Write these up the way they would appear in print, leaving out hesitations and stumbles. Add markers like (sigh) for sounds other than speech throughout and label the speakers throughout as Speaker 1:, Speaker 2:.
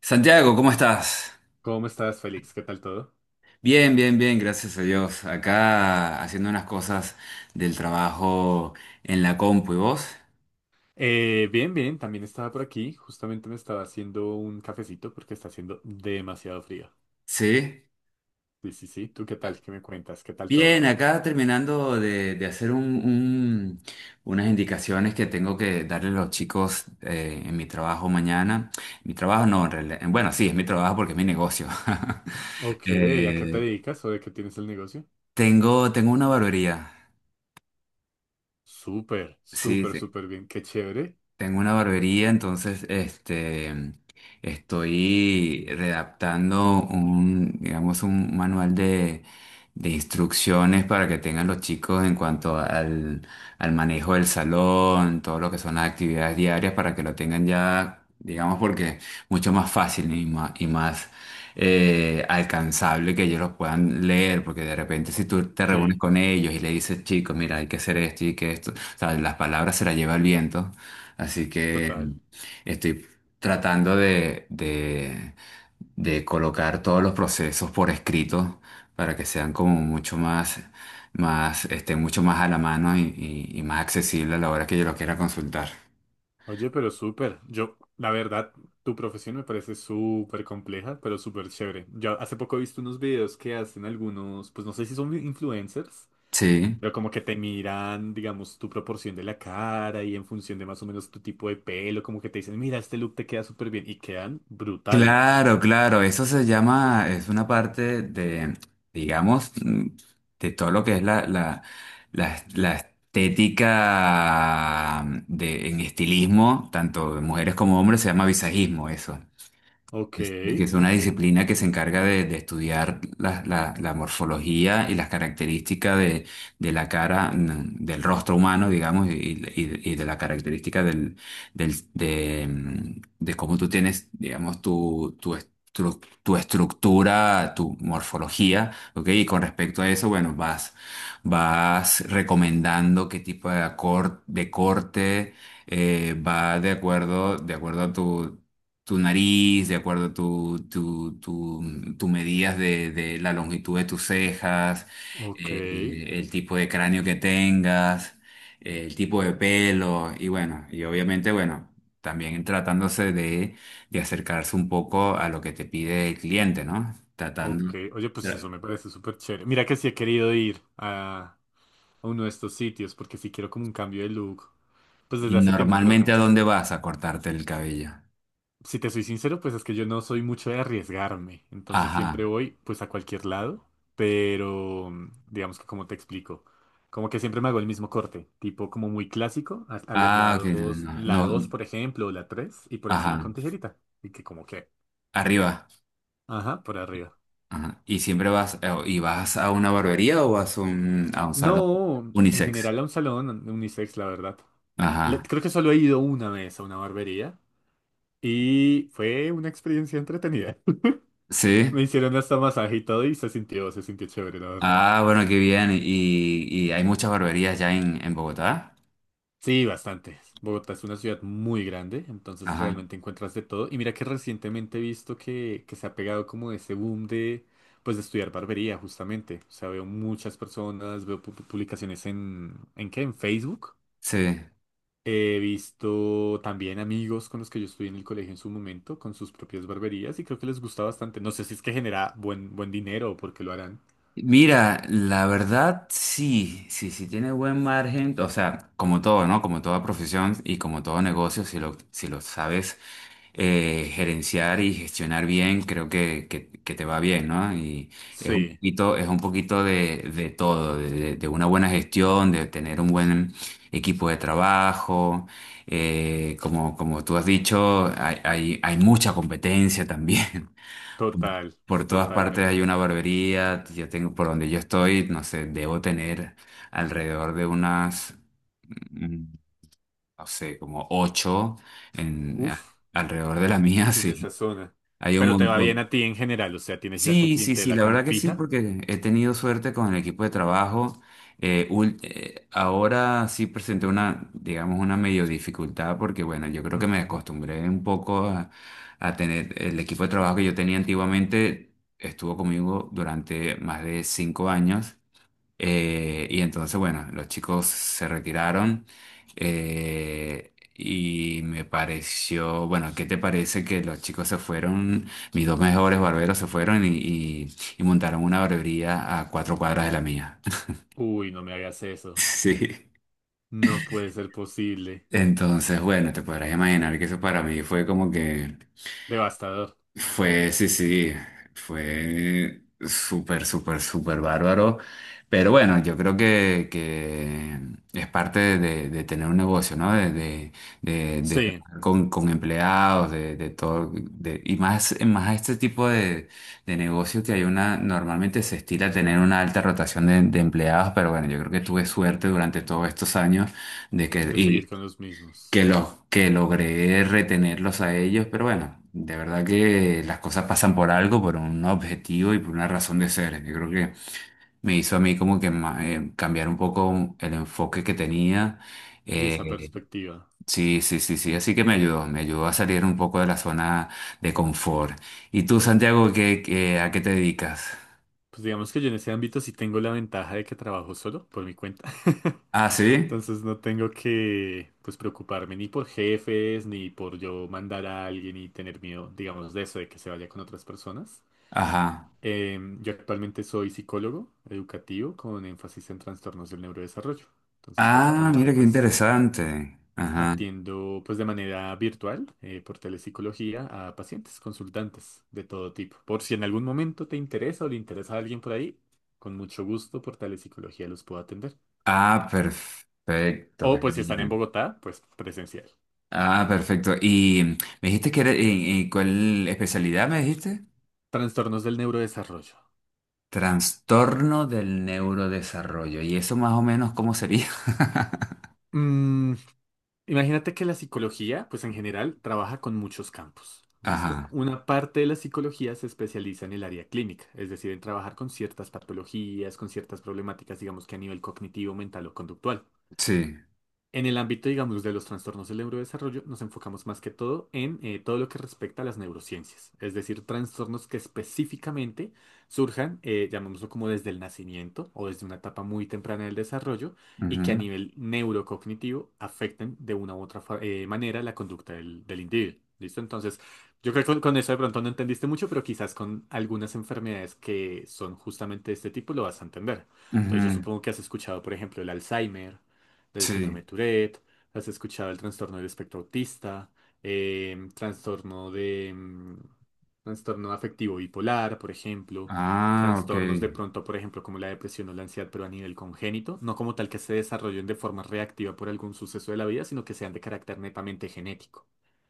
Speaker 1: Santiago, ¿cómo estás?
Speaker 2: ¿Cómo estás, Félix? ¿Qué tal todo?
Speaker 1: Bien, bien, bien, gracias a Dios. Acá haciendo unas cosas del trabajo en la compu, ¿y vos?
Speaker 2: Bien, bien, también estaba por aquí. Justamente me estaba haciendo un cafecito porque está haciendo demasiado frío.
Speaker 1: Sí.
Speaker 2: Sí, sí, sí. ¿Tú qué tal? ¿Qué me cuentas? ¿Qué tal
Speaker 1: Bien,
Speaker 2: todo?
Speaker 1: acá terminando de hacer unas indicaciones que tengo que darle a los chicos en mi trabajo mañana. Mi trabajo no, bueno, sí, es mi trabajo porque es mi negocio. (laughs)
Speaker 2: Ok, ¿a qué te
Speaker 1: Eh,
Speaker 2: dedicas o de qué tienes el negocio?
Speaker 1: tengo una barbería.
Speaker 2: Súper,
Speaker 1: Sí,
Speaker 2: súper,
Speaker 1: sí.
Speaker 2: súper bien. Qué chévere.
Speaker 1: Tengo una barbería, entonces estoy redactando un, digamos, un manual de instrucciones para que tengan los chicos en cuanto al manejo del salón, todo lo que son las actividades diarias, para que lo tengan ya, digamos, porque mucho más fácil y más, alcanzable que ellos lo puedan leer, porque de repente si tú te reúnes
Speaker 2: Sí,
Speaker 1: con ellos y le dices, chicos, mira, hay que hacer esto y que esto, o sea, las palabras se las lleva el viento. Así que
Speaker 2: total.
Speaker 1: estoy tratando de colocar todos los procesos por escrito para que sean como mucho mucho más a la mano y, y más accesible a la hora que yo lo quiera consultar.
Speaker 2: Oye, pero súper. Yo, la verdad, tu profesión me parece súper compleja, pero súper chévere. Yo hace poco he visto unos videos que hacen algunos, pues no sé si son influencers.
Speaker 1: Sí.
Speaker 2: Pero como que te miran, digamos, tu proporción de la cara y en función de más o menos tu tipo de pelo, como que te dicen, mira, este look te queda súper bien y quedan brutal.
Speaker 1: Claro, claro, eso se llama, es una parte de, digamos, de todo lo que es la estética, en estilismo, tanto de mujeres como hombres, se llama visajismo eso.
Speaker 2: Ok,
Speaker 1: Que es una disciplina que se encarga de estudiar la morfología y las características de la cara, del rostro humano, digamos, y, y de la característica de cómo tú tienes, digamos, tu estructura, tu morfología, ¿ok? Y con respecto a eso, bueno, vas recomendando qué tipo de, de corte va de acuerdo a tu nariz, de acuerdo a tu medidas de la longitud de tus cejas,
Speaker 2: ok,
Speaker 1: el tipo de cráneo que tengas, el tipo de pelo, y bueno, y obviamente, bueno, también tratándose de acercarse un poco a lo que te pide el cliente, ¿no?
Speaker 2: ok.
Speaker 1: Tratando.
Speaker 2: Oye, pues eso
Speaker 1: tra-
Speaker 2: me parece súper chévere. Mira que sí he querido ir a uno de estos sitios porque sí quiero como un cambio de look, pues
Speaker 1: Y
Speaker 2: desde hace tiempo, pero…
Speaker 1: normalmente, ¿a dónde vas a cortarte el cabello?
Speaker 2: Si te soy sincero, pues es que yo no soy mucho de arriesgarme, entonces siempre
Speaker 1: Ajá.
Speaker 2: voy pues a cualquier lado, pero digamos que como te explico, como que siempre me hago el mismo corte, tipo como muy clásico, a los
Speaker 1: Ah, ok, no,
Speaker 2: lados, la
Speaker 1: no,
Speaker 2: 2
Speaker 1: no,
Speaker 2: por ejemplo, o la 3 y por encima
Speaker 1: ajá.
Speaker 2: con tijerita, y que como que,
Speaker 1: Arriba.
Speaker 2: ajá, por arriba.
Speaker 1: Ajá. ¿Y siempre y vas a una barbería o vas a un salón
Speaker 2: No, en
Speaker 1: unisex?
Speaker 2: general a un salón unisex, la verdad.
Speaker 1: Ajá.
Speaker 2: Creo que solo he ido una vez a una barbería y fue una experiencia entretenida. (laughs)
Speaker 1: ¿Sí?
Speaker 2: Me hicieron hasta masaje y todo y se sintió chévere, la verdad.
Speaker 1: Ah, bueno, qué bien. ¿Y hay muchas barberías ya en Bogotá?
Speaker 2: Sí, bastante. Bogotá es una ciudad muy grande, entonces
Speaker 1: Ajá.
Speaker 2: realmente encuentras de todo. Y mira que recientemente he visto que se ha pegado como ese boom de, pues, de estudiar barbería, justamente. O sea, veo muchas personas, veo publicaciones ¿en qué? En Facebook.
Speaker 1: Sí.
Speaker 2: He visto también amigos con los que yo estudié en el colegio en su momento, con sus propias barberías, y creo que les gusta bastante. No sé si es que genera buen, buen dinero o por qué lo harán.
Speaker 1: Mira, la verdad sí, sí, sí tiene buen margen, o sea, como todo, ¿no? Como toda profesión y como todo negocio, si lo, si lo sabes gerenciar y gestionar bien, creo que te va bien, ¿no? Y es un
Speaker 2: Sí,
Speaker 1: poquito, es un poquito de todo, de una buena gestión, de tener un buen equipo de trabajo, como tú has dicho, hay mucha competencia también. (laughs)
Speaker 2: total,
Speaker 1: Por todas partes hay
Speaker 2: totalmente.
Speaker 1: una barbería. Yo tengo, por donde yo estoy, no sé, debo tener alrededor de unas, mm, no sé, como ocho
Speaker 2: Uf.
Speaker 1: alrededor de la (laughs) mía,
Speaker 2: En esa
Speaker 1: sí.
Speaker 2: zona.
Speaker 1: Hay un
Speaker 2: Pero te va bien
Speaker 1: montón.
Speaker 2: a ti en general, o sea, tienes ya tu
Speaker 1: Sí, sí, sí,
Speaker 2: clientela
Speaker 1: la
Speaker 2: como
Speaker 1: verdad que sí,
Speaker 2: fija.
Speaker 1: porque he tenido suerte con el equipo de trabajo. Ahora sí presenté una, digamos, una medio dificultad porque, bueno, yo creo que me
Speaker 2: Ujú.
Speaker 1: acostumbré un poco a tener el equipo de trabajo que yo tenía antiguamente, estuvo conmigo durante más de 5 años y entonces, bueno, los chicos se retiraron y me pareció, bueno, ¿qué te parece que los chicos se fueron, mis dos mejores barberos se fueron y, y montaron una barbería a 4 cuadras de la mía? (laughs)
Speaker 2: Uy, no me hagas eso.
Speaker 1: Sí.
Speaker 2: No puede ser posible.
Speaker 1: Entonces, bueno, te podrás imaginar que eso para mí fue como que.
Speaker 2: Devastador.
Speaker 1: Fue, sí, sí, fue súper, súper, súper bárbaro. Pero bueno, yo creo que es parte de tener un negocio, ¿no? De
Speaker 2: Sí,
Speaker 1: trabajar con empleados, de todo, y más a este tipo de negocio que hay normalmente se estila a tener una alta rotación de empleados, pero bueno, yo creo que tuve suerte durante todos estos años de
Speaker 2: de
Speaker 1: que,
Speaker 2: seguir con los
Speaker 1: que
Speaker 2: mismos.
Speaker 1: los que logré retenerlos a ellos, pero bueno, de verdad que las cosas pasan por algo, por un objetivo y por una razón de ser. Yo creo que me hizo a mí como que cambiar un poco el enfoque que tenía.
Speaker 2: Y esa
Speaker 1: Eh,
Speaker 2: perspectiva.
Speaker 1: sí, sí, sí, sí, así que me ayudó a salir un poco de la zona de confort. ¿Y tú, Santiago, a qué te dedicas?
Speaker 2: Pues digamos que yo en ese ámbito sí tengo la ventaja de que trabajo solo por mi cuenta. (laughs)
Speaker 1: Ah, sí,
Speaker 2: Entonces no tengo que pues preocuparme ni por jefes, ni por yo mandar a alguien y tener miedo, digamos, de eso, de que se vaya con otras personas.
Speaker 1: ajá.
Speaker 2: Yo actualmente soy psicólogo educativo con énfasis en trastornos del neurodesarrollo. Entonces,
Speaker 1: Ah,
Speaker 2: básicamente,
Speaker 1: mira qué
Speaker 2: pues
Speaker 1: interesante. Ajá.
Speaker 2: atiendo pues de manera virtual por telepsicología a pacientes, consultantes de todo tipo. Por si en algún momento te interesa o le interesa a alguien por ahí, con mucho gusto por telepsicología los puedo atender.
Speaker 1: Ah, perfecto.
Speaker 2: O pues si están en
Speaker 1: Genial.
Speaker 2: Bogotá, pues presencial.
Speaker 1: Ah, perfecto. Y me dijiste que era, en ¿cuál especialidad me dijiste?
Speaker 2: Trastornos del neurodesarrollo.
Speaker 1: Trastorno del neurodesarrollo. ¿Y eso más o menos cómo sería? (laughs)
Speaker 2: Mm, Imagínate que la psicología, pues en general, trabaja con muchos campos. ¿Listo?
Speaker 1: Ajá,
Speaker 2: Una parte de la psicología se especializa en el área clínica, es decir, en trabajar con ciertas patologías, con ciertas problemáticas, digamos que a nivel cognitivo, mental o conductual.
Speaker 1: sí.
Speaker 2: En el ámbito, digamos, de los trastornos del neurodesarrollo, nos enfocamos más que todo en todo lo que respecta a las neurociencias, es decir, trastornos que específicamente surjan, llamémoslo como desde el nacimiento o desde una etapa muy temprana del desarrollo y que a nivel neurocognitivo afecten de una u otra manera la conducta del, del individuo. ¿Listo? Entonces, yo creo que con eso de pronto no entendiste mucho, pero quizás con algunas enfermedades que son justamente de este tipo lo vas a entender.
Speaker 1: Ujú,
Speaker 2: Entonces, yo
Speaker 1: ujú,
Speaker 2: supongo que has escuchado, por ejemplo, el Alzheimer, del síndrome
Speaker 1: sí.
Speaker 2: de Tourette, has escuchado el trastorno del espectro autista, trastorno de trastorno afectivo bipolar, por ejemplo,
Speaker 1: Ah, ok.
Speaker 2: trastornos de pronto, por ejemplo, como la depresión o la ansiedad, pero a nivel congénito, no como tal que se desarrollen de forma reactiva por algún suceso de la vida, sino que sean de carácter netamente genético.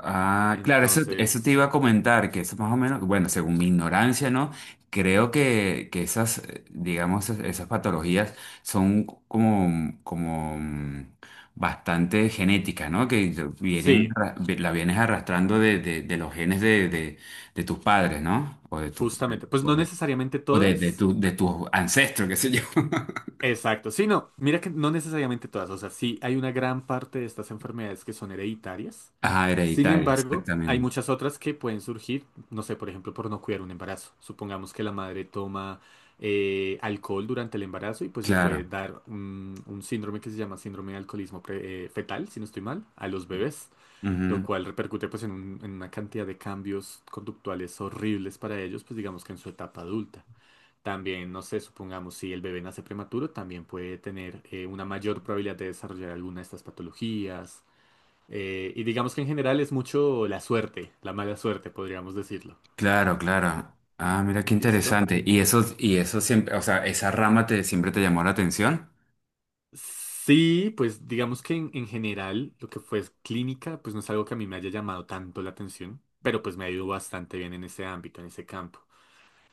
Speaker 1: Ah, claro, eso te
Speaker 2: Entonces,
Speaker 1: iba a comentar, que eso más o menos, bueno, según mi ignorancia, ¿no? Creo que esas, digamos, esas patologías son como bastante genéticas, ¿no? Que vienen,
Speaker 2: sí,
Speaker 1: la vienes arrastrando de los genes de tus padres, ¿no? O
Speaker 2: justamente, pues no necesariamente todas.
Speaker 1: de tus ancestros, qué sé yo. (laughs)
Speaker 2: Exacto, sí, no, mira que no necesariamente todas, o sea, sí hay una gran parte de estas enfermedades que son hereditarias,
Speaker 1: Ajá,
Speaker 2: sin
Speaker 1: hereditaria,
Speaker 2: embargo, hay
Speaker 1: exactamente.
Speaker 2: muchas otras que pueden surgir, no sé, por ejemplo, por no cuidar un embarazo. Supongamos que la madre toma alcohol durante el embarazo y pues le puede
Speaker 1: Claro.
Speaker 2: dar un síndrome que se llama síndrome de alcoholismo fetal, si no estoy mal, a los bebés, lo
Speaker 1: Ujú.
Speaker 2: cual repercute pues en, en una cantidad de cambios conductuales horribles para ellos, pues digamos que en su etapa adulta. También, no sé, supongamos, si el bebé nace prematuro, también puede tener una mayor probabilidad de desarrollar alguna de estas patologías. Y digamos que en general es mucho la suerte, la mala suerte, podríamos decirlo.
Speaker 1: Claro, claro. Ah, mira qué
Speaker 2: ¿Listo?
Speaker 1: interesante. Y eso siempre, o sea, esa rama te siempre te llamó la atención.
Speaker 2: Sí, pues digamos que en general lo que fue es clínica, pues no es algo que a mí me haya llamado tanto la atención, pero pues me ha ido bastante bien en ese ámbito, en ese campo.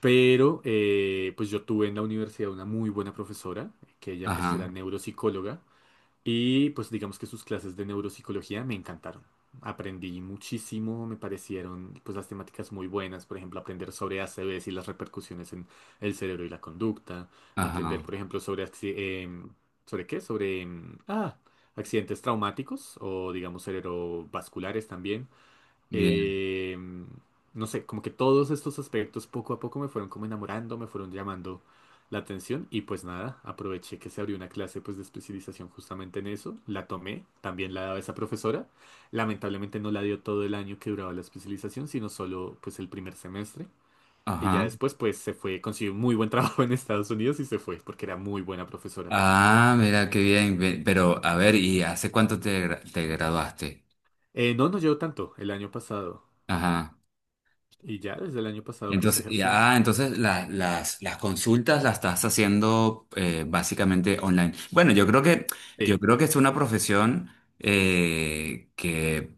Speaker 2: Pero pues yo tuve en la universidad una muy buena profesora, que ella pues era
Speaker 1: Ajá,
Speaker 2: neuropsicóloga. Y pues digamos que sus clases de neuropsicología me encantaron. Aprendí muchísimo, me parecieron pues las temáticas muy buenas, por ejemplo, aprender sobre ACVs y las repercusiones en el cerebro y la conducta,
Speaker 1: ajá,
Speaker 2: aprender, por ejemplo, sobre ¿sobre qué? Sobre accidentes traumáticos o digamos cerebrovasculares también
Speaker 1: bien,
Speaker 2: eh, no sé, como que todos estos aspectos poco a poco me fueron como enamorando, me fueron llamando la atención y pues nada, aproveché que se abrió una clase pues de especialización justamente en eso, la tomé, también la daba esa profesora, lamentablemente no la dio todo el año que duraba la especialización, sino solo pues el primer semestre. Y ya
Speaker 1: ajá.
Speaker 2: después, pues se fue, consiguió un muy buen (laughs) trabajo en Estados Unidos y se fue, porque era muy buena profesora.
Speaker 1: Ah, mira qué bien. Pero, a ver, ¿y hace cuánto te graduaste?
Speaker 2: No, no llevo tanto el año pasado.
Speaker 1: Ajá.
Speaker 2: Y ya desde el año pasado, pues
Speaker 1: Entonces,
Speaker 2: ejerciendo.
Speaker 1: ya, ah, entonces las consultas las estás haciendo básicamente online. Bueno, yo creo que, yo
Speaker 2: Sí.
Speaker 1: creo que es una profesión que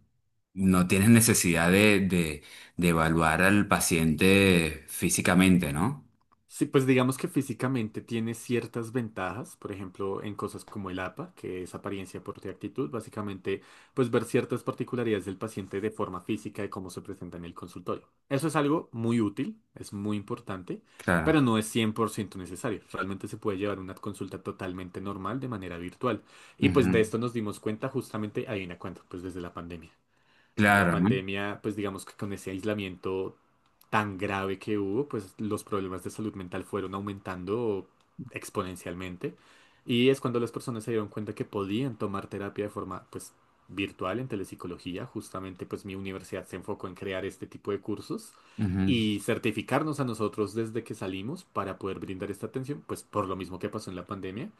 Speaker 1: no tienes necesidad de evaluar al paciente físicamente, ¿no?
Speaker 2: Sí, pues digamos que físicamente tiene ciertas ventajas, por ejemplo, en cosas como el APA, que es apariencia, porte y actitud, básicamente, pues ver ciertas particularidades del paciente de forma física de cómo se presenta en el consultorio. Eso es algo muy útil, es muy importante,
Speaker 1: Claro.
Speaker 2: pero no es 100% necesario. Realmente se puede llevar una consulta totalmente normal de manera virtual. Y pues de
Speaker 1: Ujú.
Speaker 2: esto nos dimos cuenta justamente, ahí una cuenta, pues desde la pandemia. En la
Speaker 1: Claro, ¿no?
Speaker 2: pandemia, pues digamos que con ese aislamiento tan grave que hubo, pues los problemas de salud mental fueron aumentando exponencialmente. Y es cuando las personas se dieron cuenta que podían tomar terapia de forma, pues, virtual en telepsicología. Justamente, pues, mi universidad se enfocó en crear este tipo de cursos
Speaker 1: Ujú.
Speaker 2: y certificarnos a nosotros desde que salimos para poder brindar esta atención, pues, por lo mismo que pasó en la pandemia.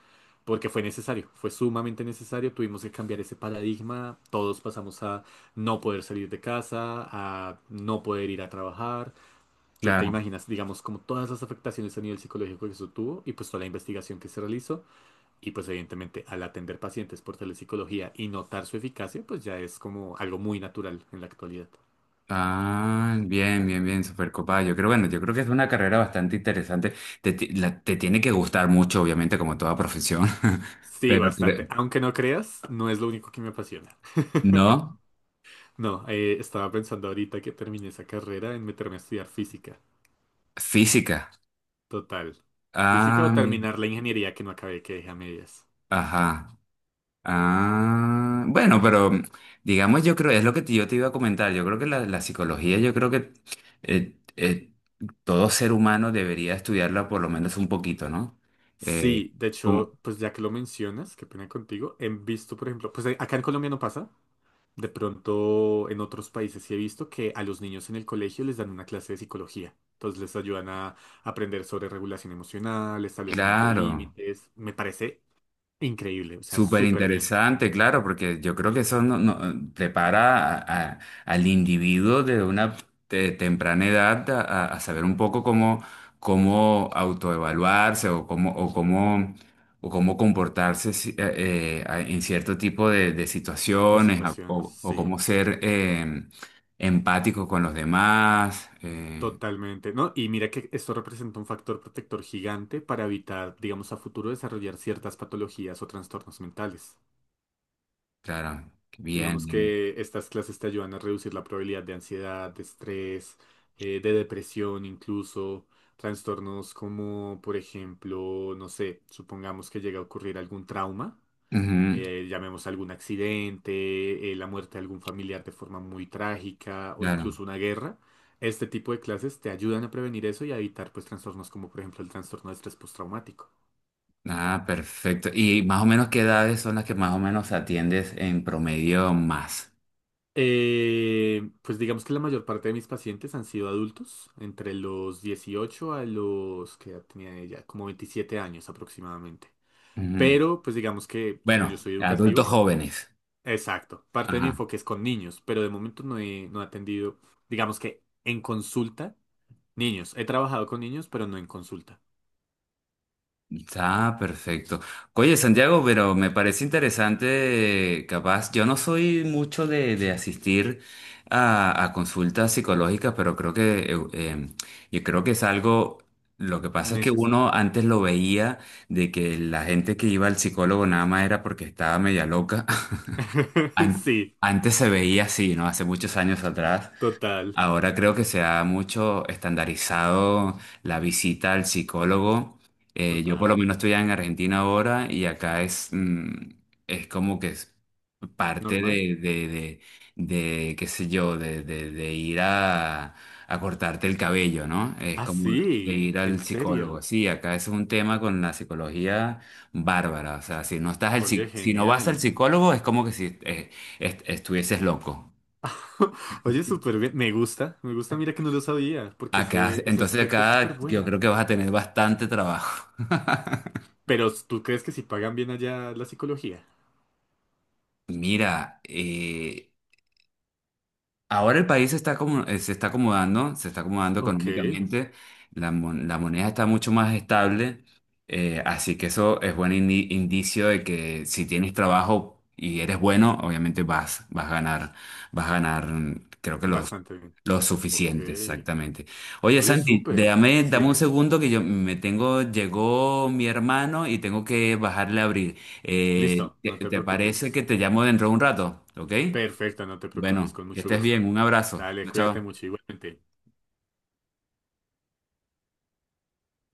Speaker 2: Porque fue necesario, fue sumamente necesario, tuvimos que cambiar ese paradigma, todos pasamos a no poder salir de casa, a no poder ir a trabajar. Tú te
Speaker 1: Claro.
Speaker 2: imaginas, digamos, como todas las afectaciones a nivel psicológico que eso tuvo y pues toda la investigación que se realizó y pues evidentemente al atender pacientes por telepsicología y notar su eficacia, pues ya es como algo muy natural en la actualidad.
Speaker 1: Ah, bien, bien, bien, súper copada. Yo creo, bueno, yo creo que es una carrera bastante interesante. Te tiene que gustar mucho, obviamente, como toda profesión. (laughs)
Speaker 2: Sí,
Speaker 1: Pero creo-
Speaker 2: bastante. Aunque no creas, no es lo único que me apasiona. (laughs)
Speaker 1: No,
Speaker 2: No, estaba pensando ahorita que terminé esa carrera en meterme a estudiar física.
Speaker 1: física.
Speaker 2: Total. Física
Speaker 1: Ah,
Speaker 2: o
Speaker 1: ajá.
Speaker 2: terminar la ingeniería que no acabé, que dejé a medias.
Speaker 1: ajá. Ah, bueno, pero digamos, yo creo, es lo que yo te iba a comentar. Yo creo que la psicología, yo creo que eh, eh, todo ser humano debería estudiarla por lo menos un poquito, ¿no? Eh,
Speaker 2: Sí, de
Speaker 1: como,
Speaker 2: hecho, pues ya que lo mencionas, qué pena contigo, he visto, por ejemplo, pues acá en Colombia no pasa, de pronto en otros países sí he visto que a los niños en el colegio les dan una clase de psicología, entonces les ayudan a aprender sobre regulación emocional, establecimiento de
Speaker 1: claro.
Speaker 2: límites, me parece increíble, o sea,
Speaker 1: Súper
Speaker 2: súper bien
Speaker 1: interesante, claro, porque yo creo que eso prepara al individuo de una temprana edad a saber un poco cómo autoevaluarse o cómo comportarse en cierto tipo de
Speaker 2: de
Speaker 1: situaciones a-
Speaker 2: situaciones,
Speaker 1: o, o cómo
Speaker 2: sí,
Speaker 1: ser empático con los demás.
Speaker 2: totalmente, ¿no? Y mira que esto representa un factor protector gigante para evitar, digamos, a futuro desarrollar ciertas patologías o trastornos mentales.
Speaker 1: Claro,
Speaker 2: Digamos
Speaker 1: bien.
Speaker 2: que estas clases te ayudan a reducir la probabilidad de ansiedad, de estrés, de depresión incluso, trastornos como, por ejemplo, no sé, supongamos que llega a ocurrir algún trauma,
Speaker 1: Ujú,
Speaker 2: llamemos algún accidente, la muerte de algún familiar de forma muy trágica o
Speaker 1: claro.
Speaker 2: incluso una guerra. Este tipo de clases te ayudan a prevenir eso y a evitar pues trastornos como por ejemplo el trastorno de estrés postraumático.
Speaker 1: Ah, perfecto. ¿Y más o menos qué edades son las que más o menos atiendes en promedio más?
Speaker 2: Pues digamos que la mayor parte de mis pacientes han sido adultos, entre los 18 a los que tenía ella, como 27 años aproximadamente.
Speaker 1: Ujú.
Speaker 2: Pero pues digamos que como
Speaker 1: Bueno,
Speaker 2: yo soy
Speaker 1: adultos
Speaker 2: educativo,
Speaker 1: jóvenes.
Speaker 2: exacto, parte de mi
Speaker 1: Ajá.
Speaker 2: enfoque es con niños, pero de momento no he, no he atendido, digamos que en consulta, niños. He trabajado con niños, pero no en consulta.
Speaker 1: Está perfecto. Oye, Santiago, pero me parece interesante, capaz, yo no soy mucho de asistir a consultas psicológicas, pero creo que, eh, em, yo creo que es algo, lo que pasa es que uno
Speaker 2: Necesario.
Speaker 1: antes lo veía de que la gente que iba al psicólogo nada más era porque estaba media loca.
Speaker 2: (laughs)
Speaker 1: An-
Speaker 2: Sí,
Speaker 1: Antes se veía así, ¿no? Hace muchos años atrás.
Speaker 2: total,
Speaker 1: Ahora creo que se ha mucho estandarizado la visita al psicólogo. Yo por lo
Speaker 2: total.
Speaker 1: menos estoy en Argentina ahora y acá es como que parte
Speaker 2: ¿Normal?
Speaker 1: de, qué sé yo, de ir a cortarte el cabello, ¿no? Es
Speaker 2: Ah,
Speaker 1: como de
Speaker 2: sí,
Speaker 1: ir
Speaker 2: en
Speaker 1: al
Speaker 2: serio.
Speaker 1: psicólogo. Sí, acá es un tema con la psicología bárbara. O sea, si no estás
Speaker 2: Oye,
Speaker 1: si no vas al
Speaker 2: genial.
Speaker 1: psicólogo, es como que si estuvieses loco.
Speaker 2: (laughs) Oye, súper bien. Me gusta, me gusta. Mira que no lo sabía, porque
Speaker 1: Acá,
Speaker 2: ese
Speaker 1: entonces
Speaker 2: aspecto es súper
Speaker 1: acá yo
Speaker 2: bueno.
Speaker 1: creo que vas a tener bastante trabajo.
Speaker 2: Pero ¿tú crees que si pagan bien allá la psicología?
Speaker 1: Mira, ahora el país se está acomodando
Speaker 2: Ok,
Speaker 1: económicamente, la moneda está mucho más estable, así que eso es buen indicio de que si tienes trabajo y eres bueno, obviamente vas a ganar, vas a ganar, creo que los,
Speaker 2: bastante bien.
Speaker 1: los
Speaker 2: Ok.
Speaker 1: suficientes, exactamente. Oye,
Speaker 2: Oye,
Speaker 1: Santi,
Speaker 2: súper.
Speaker 1: déjame, dame un
Speaker 2: 100.
Speaker 1: segundo que yo me tengo, llegó mi hermano y tengo que bajarle a abrir.
Speaker 2: Listo,
Speaker 1: ¿Te,
Speaker 2: no te
Speaker 1: te
Speaker 2: preocupes.
Speaker 1: parece que te llamo dentro de un rato? ¿Ok?
Speaker 2: Perfecto, no te preocupes,
Speaker 1: Bueno,
Speaker 2: con
Speaker 1: que
Speaker 2: mucho
Speaker 1: estés bien.
Speaker 2: gusto.
Speaker 1: Un abrazo.
Speaker 2: Dale,
Speaker 1: Chao.
Speaker 2: cuídate
Speaker 1: Chao.
Speaker 2: mucho igualmente.